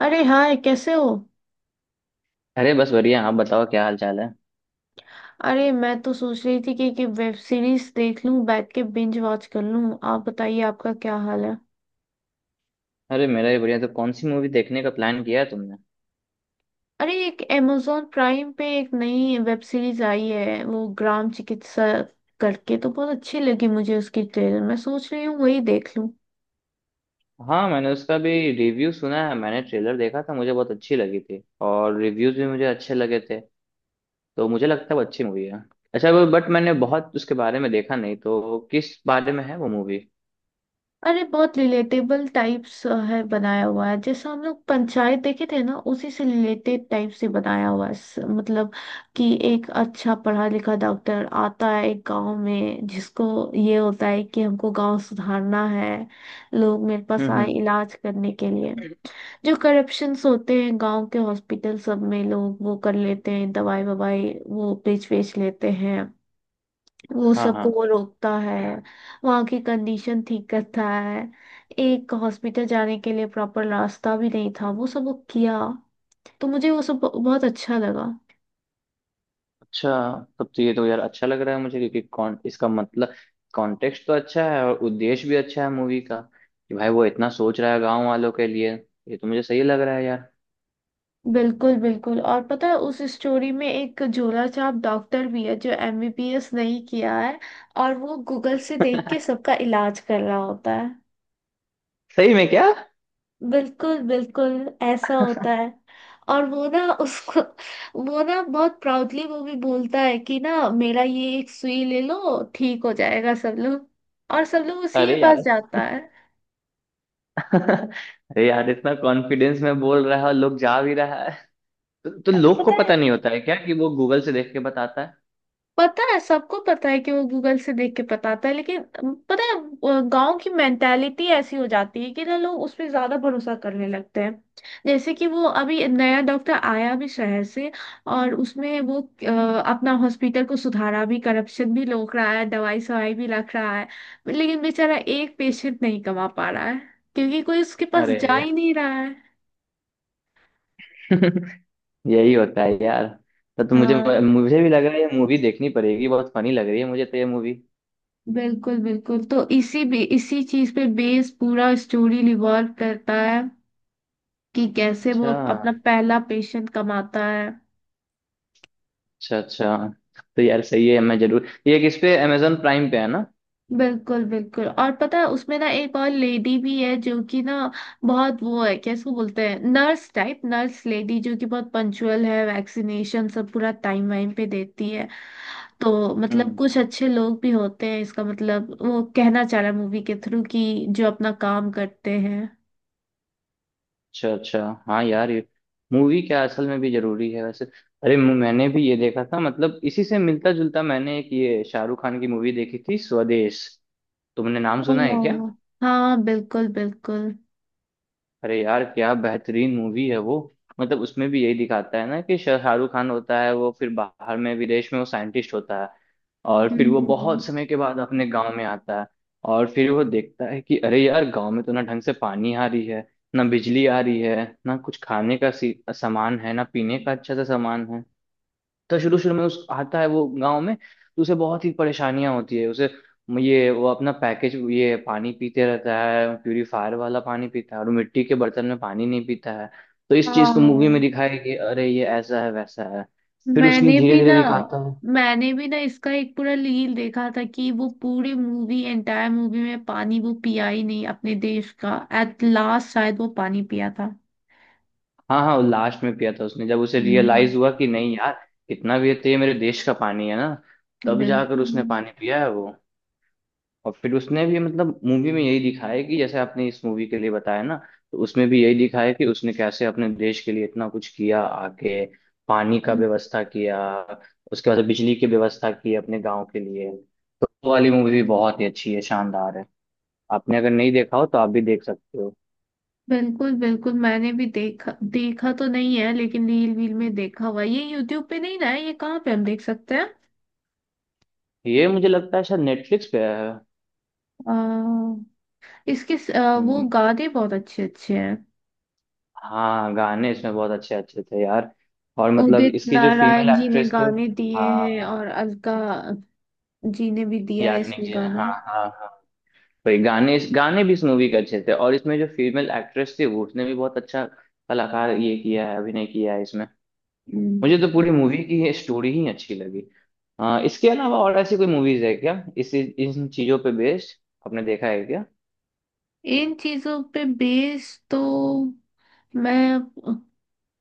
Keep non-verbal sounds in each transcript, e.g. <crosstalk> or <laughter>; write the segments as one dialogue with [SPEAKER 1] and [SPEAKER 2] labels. [SPEAKER 1] अरे हाय कैसे हो।
[SPEAKER 2] अरे बस बढ़िया। आप बताओ क्या हाल चाल है।
[SPEAKER 1] अरे मैं तो सोच रही थी कि वेब सीरीज देख लूं बैठ के बिंज वॉच कर लूं। आप बताइए आपका क्या हाल है।
[SPEAKER 2] अरे मेरा भी बढ़िया। तो कौन सी मूवी देखने का प्लान किया है तुमने।
[SPEAKER 1] अरे एक amazon प्राइम पे एक नई वेब सीरीज आई है वो ग्राम चिकित्सा करके, तो बहुत अच्छी लगी मुझे उसकी ट्रेलर। मैं सोच रही हूँ वही देख लूं।
[SPEAKER 2] हाँ मैंने उसका भी रिव्यू सुना है। मैंने ट्रेलर देखा था, मुझे बहुत अच्छी लगी थी, और रिव्यूज भी मुझे अच्छे लगे थे। तो मुझे लगता है वो अच्छी मूवी है। अच्छा वो बट मैंने बहुत उसके बारे में देखा नहीं, तो किस बारे में है वो मूवी।
[SPEAKER 1] अरे बहुत रिलेटेबल टाइप्स है, बनाया हुआ है जैसा हम लोग पंचायत देखे थे ना, उसी से रिलेटेड टाइप से बनाया हुआ है। मतलब कि एक अच्छा पढ़ा लिखा डॉक्टर आता है एक गांव में, जिसको ये होता है कि हमको गांव सुधारना है। लोग मेरे
[SPEAKER 2] हम्म
[SPEAKER 1] पास आए
[SPEAKER 2] हम्म
[SPEAKER 1] इलाज करने के लिए। जो करप्शंस होते हैं गांव के हॉस्पिटल सब में, लोग वो कर लेते हैं, दवाई ववाई वो बेच बेच लेते हैं। वो
[SPEAKER 2] हाँ हाँ।
[SPEAKER 1] सबको वो रोकता है, वहाँ की कंडीशन ठीक करता है। एक हॉस्पिटल जाने के लिए प्रॉपर रास्ता भी नहीं था, वो सब वो किया। तो मुझे वो सब बहुत अच्छा लगा।
[SPEAKER 2] अच्छा, तब तो ये तो यार अच्छा लग रहा है मुझे, क्योंकि कौन इसका मतलब कॉन्टेक्स्ट तो अच्छा है और उद्देश्य भी अच्छा है मूवी का। कि भाई वो इतना सोच रहा है गांव वालों के लिए, ये तो मुझे सही लग रहा है यार।
[SPEAKER 1] बिल्कुल बिल्कुल। और पता है उस स्टोरी में एक झोला छाप डॉक्टर भी है जो एमबीबीएस नहीं किया है, और वो गूगल से देख के
[SPEAKER 2] <laughs>
[SPEAKER 1] सबका इलाज कर रहा होता है।
[SPEAKER 2] सही में क्या।
[SPEAKER 1] बिल्कुल बिल्कुल, ऐसा होता है। और वो ना उसको, वो ना बहुत प्राउडली वो भी बोलता है कि ना मेरा ये एक सुई ले लो, ठीक हो जाएगा सब लोग। और सब लोग उसी के
[SPEAKER 2] अरे
[SPEAKER 1] पास
[SPEAKER 2] यार।
[SPEAKER 1] जाता है।
[SPEAKER 2] <laughs> अरे यार इतना कॉन्फिडेंस में बोल रहा है और लोग जा भी रहा है। तो
[SPEAKER 1] अब
[SPEAKER 2] लोग को
[SPEAKER 1] पता है,
[SPEAKER 2] पता नहीं होता है क्या कि वो गूगल से देख के बताता है।
[SPEAKER 1] पता है सबको पता है कि वो गूगल से देख के बताता है, लेकिन पता है गांव की मेंटालिटी ऐसी हो जाती है कि ना लोग उस पे ज्यादा भरोसा करने लगते हैं। जैसे कि वो अभी नया डॉक्टर आया भी शहर से, और उसमें वो अपना हॉस्पिटल को सुधारा भी, करप्शन भी रोक रहा है, दवाई सवाई भी रख रहा है, लेकिन बेचारा एक पेशेंट नहीं कमा पा रहा है क्योंकि कोई उसके पास जा
[SPEAKER 2] अरे
[SPEAKER 1] ही नहीं रहा है।
[SPEAKER 2] <laughs> यही होता है यार। तो मुझे
[SPEAKER 1] हाँ
[SPEAKER 2] मुझे भी लग रहा है ये मूवी देखनी पड़ेगी, बहुत फनी लग रही है मुझे तो ये मूवी।
[SPEAKER 1] बिल्कुल बिल्कुल। तो इसी भी इसी चीज पे बेस पूरा स्टोरी रिवॉल्व करता है कि कैसे वो
[SPEAKER 2] अच्छा
[SPEAKER 1] अपना पहला पेशेंट कमाता है।
[SPEAKER 2] अच्छा। अच्छा तो यार सही है, मैं जरूर ये किस पे अमेजोन प्राइम पे है ना।
[SPEAKER 1] बिल्कुल बिल्कुल। और पता है उसमें ना एक और लेडी भी है, जो कि ना बहुत वो है, क्या इसको बोलते हैं, नर्स टाइप, नर्स लेडी जो कि बहुत पंचुअल है, वैक्सीनेशन सब पूरा टाइम वाइम पे देती है। तो मतलब
[SPEAKER 2] हम्म
[SPEAKER 1] कुछ अच्छे लोग भी होते हैं, इसका मतलब वो कहना चाह रहा है मूवी के थ्रू कि जो अपना काम करते हैं।
[SPEAKER 2] अच्छा अच्छा। हाँ यार ये मूवी क्या असल में भी जरूरी है वैसे। अरे मैंने भी ये देखा था, मतलब इसी से मिलता जुलता, मैंने एक ये शाहरुख खान की मूवी देखी थी स्वदेश। तुमने नाम सुना है क्या।
[SPEAKER 1] ओह, हाँ बिल्कुल बिल्कुल।
[SPEAKER 2] अरे यार क्या बेहतरीन मूवी है वो। मतलब उसमें भी यही दिखाता है ना कि शाहरुख खान होता है वो, फिर बाहर में विदेश में वो साइंटिस्ट होता है, और फिर वो
[SPEAKER 1] हम्म
[SPEAKER 2] बहुत समय के बाद अपने गांव में आता है। और फिर वो देखता है कि अरे यार गांव में तो ना ढंग से पानी आ रही है, ना बिजली आ रही है, ना कुछ खाने का सामान है, ना पीने का अच्छा सा सामान है। तो शुरू शुरू में उस आता है वो गांव में, तो उसे बहुत ही परेशानियां होती है उसे। ये वो अपना पैकेज ये पानी पीते रहता है, प्यूरीफायर वाला पानी पीता है, और मिट्टी के बर्तन में पानी नहीं पीता है। तो इस चीज को मूवी में
[SPEAKER 1] हाँ,
[SPEAKER 2] दिखाया है कि अरे ये ऐसा है वैसा है। फिर उसने
[SPEAKER 1] मैंने
[SPEAKER 2] धीरे
[SPEAKER 1] भी
[SPEAKER 2] धीरे
[SPEAKER 1] ना
[SPEAKER 2] दिखाता है।
[SPEAKER 1] मैंने भी ना इसका एक पूरा रील देखा था कि वो पूरी मूवी एंटायर मूवी में पानी वो पिया ही नहीं अपने देश का, एट लास्ट शायद वो पानी पिया था।
[SPEAKER 2] हाँ हाँ, लास्ट में पिया था उसने, जब उसे
[SPEAKER 1] हम्म,
[SPEAKER 2] रियलाइज हुआ कि नहीं यार कितना भी है तो ये मेरे देश का पानी है ना। तब जाकर उसने
[SPEAKER 1] बिल्कुल।
[SPEAKER 2] पानी पिया है वो। और फिर उसने भी मतलब मूवी में यही दिखाया है कि जैसे आपने इस मूवी के लिए बताया ना, तो उसमें भी यही दिखाया है कि उसने कैसे अपने देश के लिए इतना कुछ किया आके। पानी का व्यवस्था किया, उसके बाद बिजली की व्यवस्था की अपने गांव के लिए। वो वाली मूवी भी बहुत ही अच्छी है, शानदार है। आपने अगर नहीं देखा हो तो आप भी देख सकते हो।
[SPEAKER 1] बिल्कुल बिल्कुल मैंने भी देखा देखा तो नहीं है, लेकिन रील वील में देखा हुआ है। ये यूट्यूब पे नहीं ना है, ये कहाँ पे हम देख सकते हैं।
[SPEAKER 2] ये मुझे लगता है शायद नेटफ्लिक्स पे है।
[SPEAKER 1] अ, इसके वो
[SPEAKER 2] हम्म,
[SPEAKER 1] गाने बहुत अच्छे अच्छे हैं।
[SPEAKER 2] हाँ गाने इसमें बहुत अच्छे अच्छे थे यार। और मतलब
[SPEAKER 1] उदित
[SPEAKER 2] इसकी जो फीमेल
[SPEAKER 1] नारायण जी ने
[SPEAKER 2] एक्ट्रेस थी,
[SPEAKER 1] गाने दिए हैं
[SPEAKER 2] हाँ
[SPEAKER 1] और अलका जी ने भी दिया
[SPEAKER 2] याग्निक
[SPEAKER 1] इसमें
[SPEAKER 2] जी ने।
[SPEAKER 1] गाना।
[SPEAKER 2] हाँ हाँ हाँ। भाई गाने गाने भी इस मूवी के अच्छे थे, और इसमें जो फीमेल एक्ट्रेस थी वो उसने भी बहुत अच्छा कलाकार ये किया है, अभिनय किया है इसमें।
[SPEAKER 1] हम्म,
[SPEAKER 2] मुझे तो पूरी मूवी की ये स्टोरी ही अच्छी लगी। इसके अलावा और ऐसी कोई मूवीज है क्या इसी इन चीजों पे बेस्ड, आपने देखा है क्या।
[SPEAKER 1] इन चीजों पे बेस तो मैं,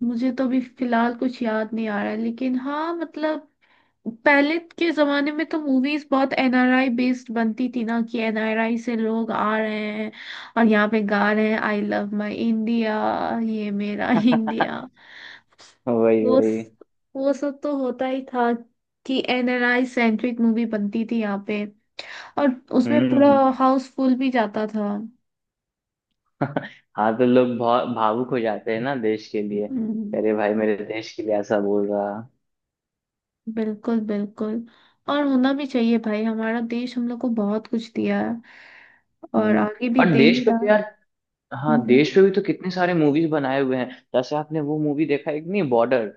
[SPEAKER 1] मुझे तो अभी फिलहाल कुछ याद नहीं आ रहा है, लेकिन हाँ मतलब पहले के जमाने में तो मूवीज बहुत एनआरआई बेस्ड बनती थी ना, कि एनआरआई से लोग आ रहे हैं और यहाँ पे गा रहे हैं आई लव माई इंडिया, ये मेरा <laughs> इंडिया।
[SPEAKER 2] <laughs> वही
[SPEAKER 1] वो
[SPEAKER 2] वही।
[SPEAKER 1] वो सब तो होता ही था कि एनआरआई सेंट्रिक मूवी बनती थी यहाँ पे, और उसमें
[SPEAKER 2] हम्म
[SPEAKER 1] पूरा
[SPEAKER 2] हम्म।
[SPEAKER 1] हाउस फुल भी जाता था।
[SPEAKER 2] <laughs> हाँ तो लोग भावुक हो जाते हैं ना देश के लिए।
[SPEAKER 1] हम्म,
[SPEAKER 2] अरे भाई मेरे देश के लिए ऐसा बोल रहा।
[SPEAKER 1] बिल्कुल बिल्कुल। और होना भी चाहिए भाई, हमारा देश हम लोग को बहुत कुछ दिया है और
[SPEAKER 2] हम्म
[SPEAKER 1] आगे भी
[SPEAKER 2] और
[SPEAKER 1] दे ही
[SPEAKER 2] देश का
[SPEAKER 1] रहा।
[SPEAKER 2] प्यार। हाँ
[SPEAKER 1] हम्म।
[SPEAKER 2] देश पे भी तो कितने सारे मूवीज बनाए हुए हैं। जैसे आपने वो मूवी देखा एक नहीं बॉर्डर,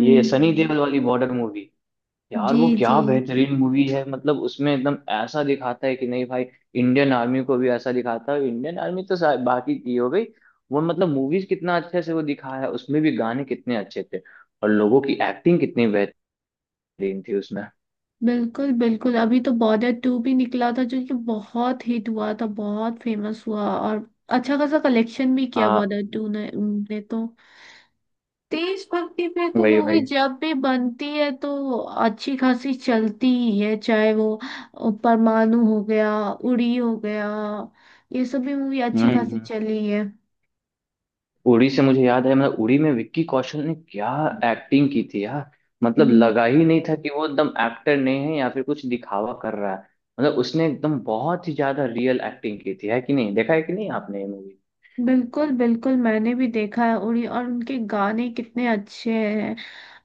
[SPEAKER 2] ये सनी देओल वाली बॉर्डर मूवी। यार
[SPEAKER 1] जी
[SPEAKER 2] वो
[SPEAKER 1] जी।
[SPEAKER 2] क्या बेहतरीन मूवी है, मतलब उसमें एकदम ऐसा दिखाता है कि नहीं भाई इंडियन आर्मी को भी ऐसा दिखाता है। इंडियन आर्मी तो बाकी की हो गई। वो मतलब मूवीज कितना अच्छे से वो दिखाया है, उसमें भी गाने कितने अच्छे थे और लोगों की एक्टिंग कितनी बेहतरीन थी उसमें।
[SPEAKER 1] बिल्कुल बिल्कुल, अभी तो बॉर्डर टू भी निकला था जो कि बहुत हिट हुआ था, बहुत फेमस हुआ, और अच्छा खासा कलेक्शन भी किया
[SPEAKER 2] हाँ
[SPEAKER 1] बॉर्डर टू ने तो। देशभक्ति पे तो
[SPEAKER 2] वही
[SPEAKER 1] मूवी
[SPEAKER 2] वही।
[SPEAKER 1] जब भी बनती है तो अच्छी खासी चलती ही है, चाहे वो परमाणु हो गया, उड़ी हो गया, ये सब भी मूवी
[SPEAKER 2] हम्म
[SPEAKER 1] अच्छी खासी
[SPEAKER 2] हम्म।
[SPEAKER 1] चली है।
[SPEAKER 2] उड़ी से मुझे याद है, मतलब उड़ी में विक्की कौशल ने क्या एक्टिंग की थी यार। मतलब
[SPEAKER 1] हम्म,
[SPEAKER 2] लगा ही नहीं था कि वो एकदम एक्टर नहीं है या फिर कुछ दिखावा कर रहा है। मतलब उसने एकदम बहुत ही ज्यादा रियल एक्टिंग की थी, है कि नहीं, देखा है कि नहीं आपने ये मूवी।
[SPEAKER 1] बिल्कुल बिल्कुल, मैंने भी देखा है उरी, और उनके गाने कितने अच्छे हैं।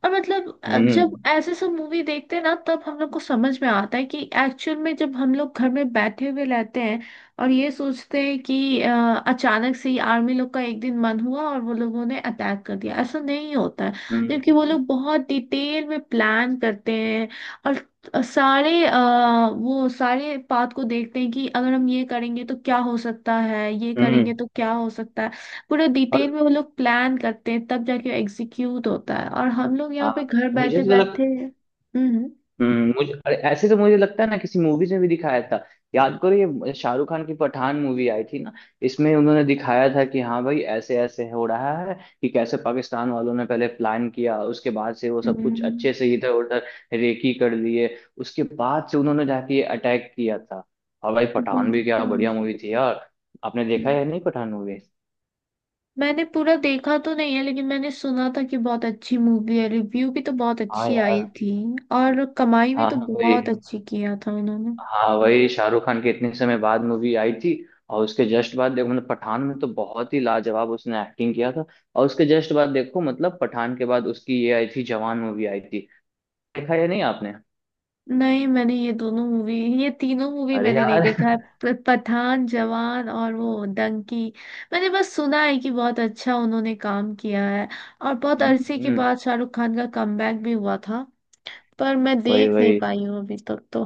[SPEAKER 1] और मतलब जब
[SPEAKER 2] हम्म
[SPEAKER 1] ऐसे सब मूवी देखते हैं ना, तब हम लोग को समझ में आता है कि एक्चुअल में जब हम लोग घर में बैठे हुए रहते हैं और ये सोचते हैं कि अचानक से ही आर्मी लोग का एक दिन मन हुआ और वो लोगों ने अटैक कर दिया, ऐसा नहीं होता है।
[SPEAKER 2] हम्म हम्म
[SPEAKER 1] जबकि वो
[SPEAKER 2] हम्म।
[SPEAKER 1] लोग बहुत डिटेल में प्लान करते हैं, और सारे वो सारे पाथ को देखते हैं कि अगर हम ये करेंगे तो क्या हो सकता है, ये
[SPEAKER 2] हम्म, हम्म।
[SPEAKER 1] करेंगे तो क्या हो सकता है। पूरे
[SPEAKER 2] और
[SPEAKER 1] डिटेल में वो लोग प्लान करते हैं, तब जाके एग्जीक्यूट होता है, और हम लोग यहाँ
[SPEAKER 2] हाँ
[SPEAKER 1] पे घर
[SPEAKER 2] मुझे
[SPEAKER 1] बैठे
[SPEAKER 2] तो
[SPEAKER 1] बैठे
[SPEAKER 2] लग।
[SPEAKER 1] हम्म।
[SPEAKER 2] मुझे अरे ऐसे तो मुझे लगता है ना किसी मूवीज में भी दिखाया था। याद करो ये शाहरुख खान की पठान मूवी आई थी ना, इसमें उन्होंने दिखाया था कि हाँ भाई ऐसे ऐसे हो रहा है कि कैसे पाकिस्तान वालों ने पहले प्लान किया, उसके बाद से वो सब कुछ
[SPEAKER 1] हम्म,
[SPEAKER 2] अच्छे से इधर उधर रेकी कर लिए, उसके बाद से उन्होंने जाके ये अटैक किया था। और भाई पठान भी क्या
[SPEAKER 1] बिल्कुल।
[SPEAKER 2] बढ़िया मूवी थी यार। आपने देखा है या नहीं पठान मूवी।
[SPEAKER 1] मैंने पूरा देखा तो नहीं है, लेकिन मैंने सुना था कि बहुत अच्छी मूवी है, रिव्यू भी तो बहुत
[SPEAKER 2] हाँ
[SPEAKER 1] अच्छी
[SPEAKER 2] यार।
[SPEAKER 1] आई थी और कमाई भी
[SPEAKER 2] हाँ
[SPEAKER 1] तो
[SPEAKER 2] हाँ, वही।
[SPEAKER 1] बहुत अच्छी किया था उन्होंने।
[SPEAKER 2] हाँ वही शाहरुख खान की इतने समय बाद मूवी आई थी, और उसके जस्ट बाद देखो मतलब पठान में तो बहुत ही लाजवाब उसने एक्टिंग किया था। और उसके जस्ट बाद देखो मतलब पठान के बाद उसकी ये आई थी जवान, मूवी आई थी। देखा या नहीं आपने।
[SPEAKER 1] नहीं मैंने ये दोनों मूवी ये तीनों मूवी
[SPEAKER 2] अरे
[SPEAKER 1] मैंने नहीं
[SPEAKER 2] यार
[SPEAKER 1] देखा
[SPEAKER 2] <laughs>
[SPEAKER 1] है, पठान, जवान और वो डंकी। मैंने बस सुना है कि बहुत अच्छा उन्होंने काम किया है, और बहुत
[SPEAKER 2] हम्म
[SPEAKER 1] अरसे के
[SPEAKER 2] हम्म,
[SPEAKER 1] बाद शाहरुख खान का कमबैक भी हुआ था। पर मैं
[SPEAKER 2] वही
[SPEAKER 1] देख नहीं
[SPEAKER 2] वही।
[SPEAKER 1] पाई हूँ अभी तक तो।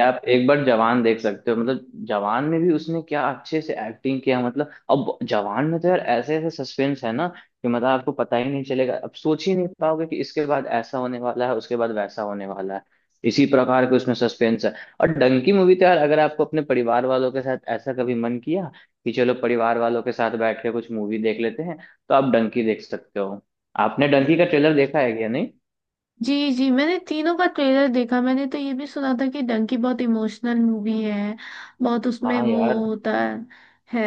[SPEAKER 2] आप एक बार जवान देख सकते हो, मतलब जवान में भी उसने क्या अच्छे से एक्टिंग किया, मतलब अब जवान में तो यार ऐसे ऐसे सस्पेंस है ना कि मतलब आपको पता ही नहीं चलेगा, अब सोच ही नहीं पाओगे कि इसके बाद ऐसा होने वाला है उसके बाद वैसा होने वाला है। इसी प्रकार के उसमें सस्पेंस है। और डंकी मूवी तो यार अगर आपको अपने परिवार वालों के साथ ऐसा कभी मन किया कि चलो परिवार वालों के साथ बैठ के कुछ मूवी देख लेते हैं, तो आप डंकी देख सकते हो। आपने डंकी का ट्रेलर देखा है क्या नहीं।
[SPEAKER 1] जी जी, मैंने तीनों का ट्रेलर देखा। मैंने तो ये भी सुना था कि डंकी बहुत इमोशनल मूवी है, बहुत उसमें
[SPEAKER 2] हाँ
[SPEAKER 1] वो
[SPEAKER 2] यार।
[SPEAKER 1] होता है,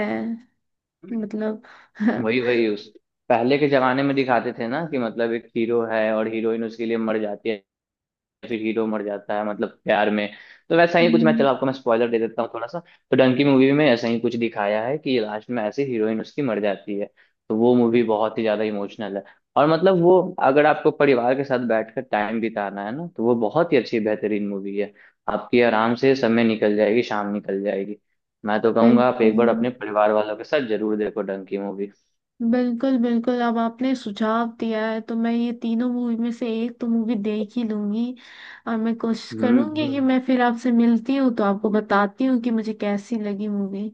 [SPEAKER 1] मतलब <laughs>
[SPEAKER 2] वही वही उस पहले के जमाने में दिखाते थे ना कि मतलब एक हीरो है और हीरोइन उसके लिए मर जाती है, फिर हीरो मर जाता है मतलब प्यार में। तो वैसा ही कुछ मैं
[SPEAKER 1] हम्म,
[SPEAKER 2] चलो आपको मैं स्पॉइलर दे देता हूँ थोड़ा सा, तो डंकी मूवी में ऐसा ही कुछ दिखाया है कि लास्ट में ऐसे हीरोइन उसकी मर जाती है। तो वो मूवी बहुत ही ज्यादा इमोशनल है, और मतलब वो अगर आपको परिवार के साथ बैठकर टाइम बिताना है ना तो वो बहुत ही अच्छी बेहतरीन मूवी है। आपकी आराम से समय निकल जाएगी, शाम निकल जाएगी। मैं तो कहूंगा आप
[SPEAKER 1] बिल्कुल
[SPEAKER 2] एक बार अपने परिवार वालों के साथ जरूर देखो डंकी मूवी।
[SPEAKER 1] बिल्कुल बिल्कुल। अब आपने सुझाव दिया है तो मैं ये तीनों मूवी में से एक तो मूवी देख ही लूंगी। और मैं कोशिश
[SPEAKER 2] हम्म
[SPEAKER 1] करूंगी कि
[SPEAKER 2] हम्म।
[SPEAKER 1] मैं फिर आपसे मिलती हूँ तो आपको बताती हूँ कि मुझे कैसी लगी मूवी।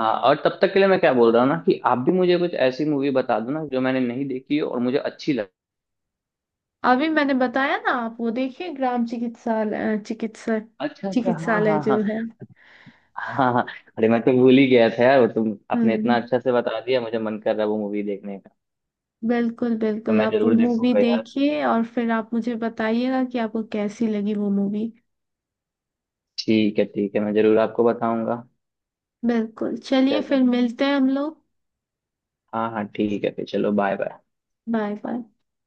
[SPEAKER 2] हाँ और तब तक के लिए मैं क्या बोल रहा हूँ ना कि आप भी मुझे कुछ ऐसी मूवी बता दो ना जो मैंने नहीं देखी हो और मुझे अच्छी लगे।
[SPEAKER 1] अभी मैंने बताया ना,
[SPEAKER 2] आप-
[SPEAKER 1] आप वो देखिए ग्राम चिकित्सालय,
[SPEAKER 2] अच्छा अच्छा। हाँ
[SPEAKER 1] चिकित्सालय
[SPEAKER 2] हाँ
[SPEAKER 1] जो
[SPEAKER 2] हाँ।
[SPEAKER 1] है।
[SPEAKER 2] हाँ हाँ। अरे मैं तो भूल ही गया था यार, वो तुम आपने इतना
[SPEAKER 1] हम्म
[SPEAKER 2] अच्छा से बता दिया, मुझे मन कर रहा है वो मूवी देखने का।
[SPEAKER 1] बिल्कुल
[SPEAKER 2] तो
[SPEAKER 1] बिल्कुल,
[SPEAKER 2] मैं
[SPEAKER 1] आप वो
[SPEAKER 2] जरूर
[SPEAKER 1] मूवी
[SPEAKER 2] देखूंगा यार।
[SPEAKER 1] देखिए और फिर आप मुझे बताइएगा कि आपको कैसी लगी वो मूवी।
[SPEAKER 2] ठीक है ठीक है, मैं जरूर आपको बताऊंगा।
[SPEAKER 1] बिल्कुल, चलिए फिर
[SPEAKER 2] चलो।
[SPEAKER 1] मिलते हैं हम लोग।
[SPEAKER 2] हाँ हाँ ठीक है, फिर चलो बाय बाय।
[SPEAKER 1] Bye bye.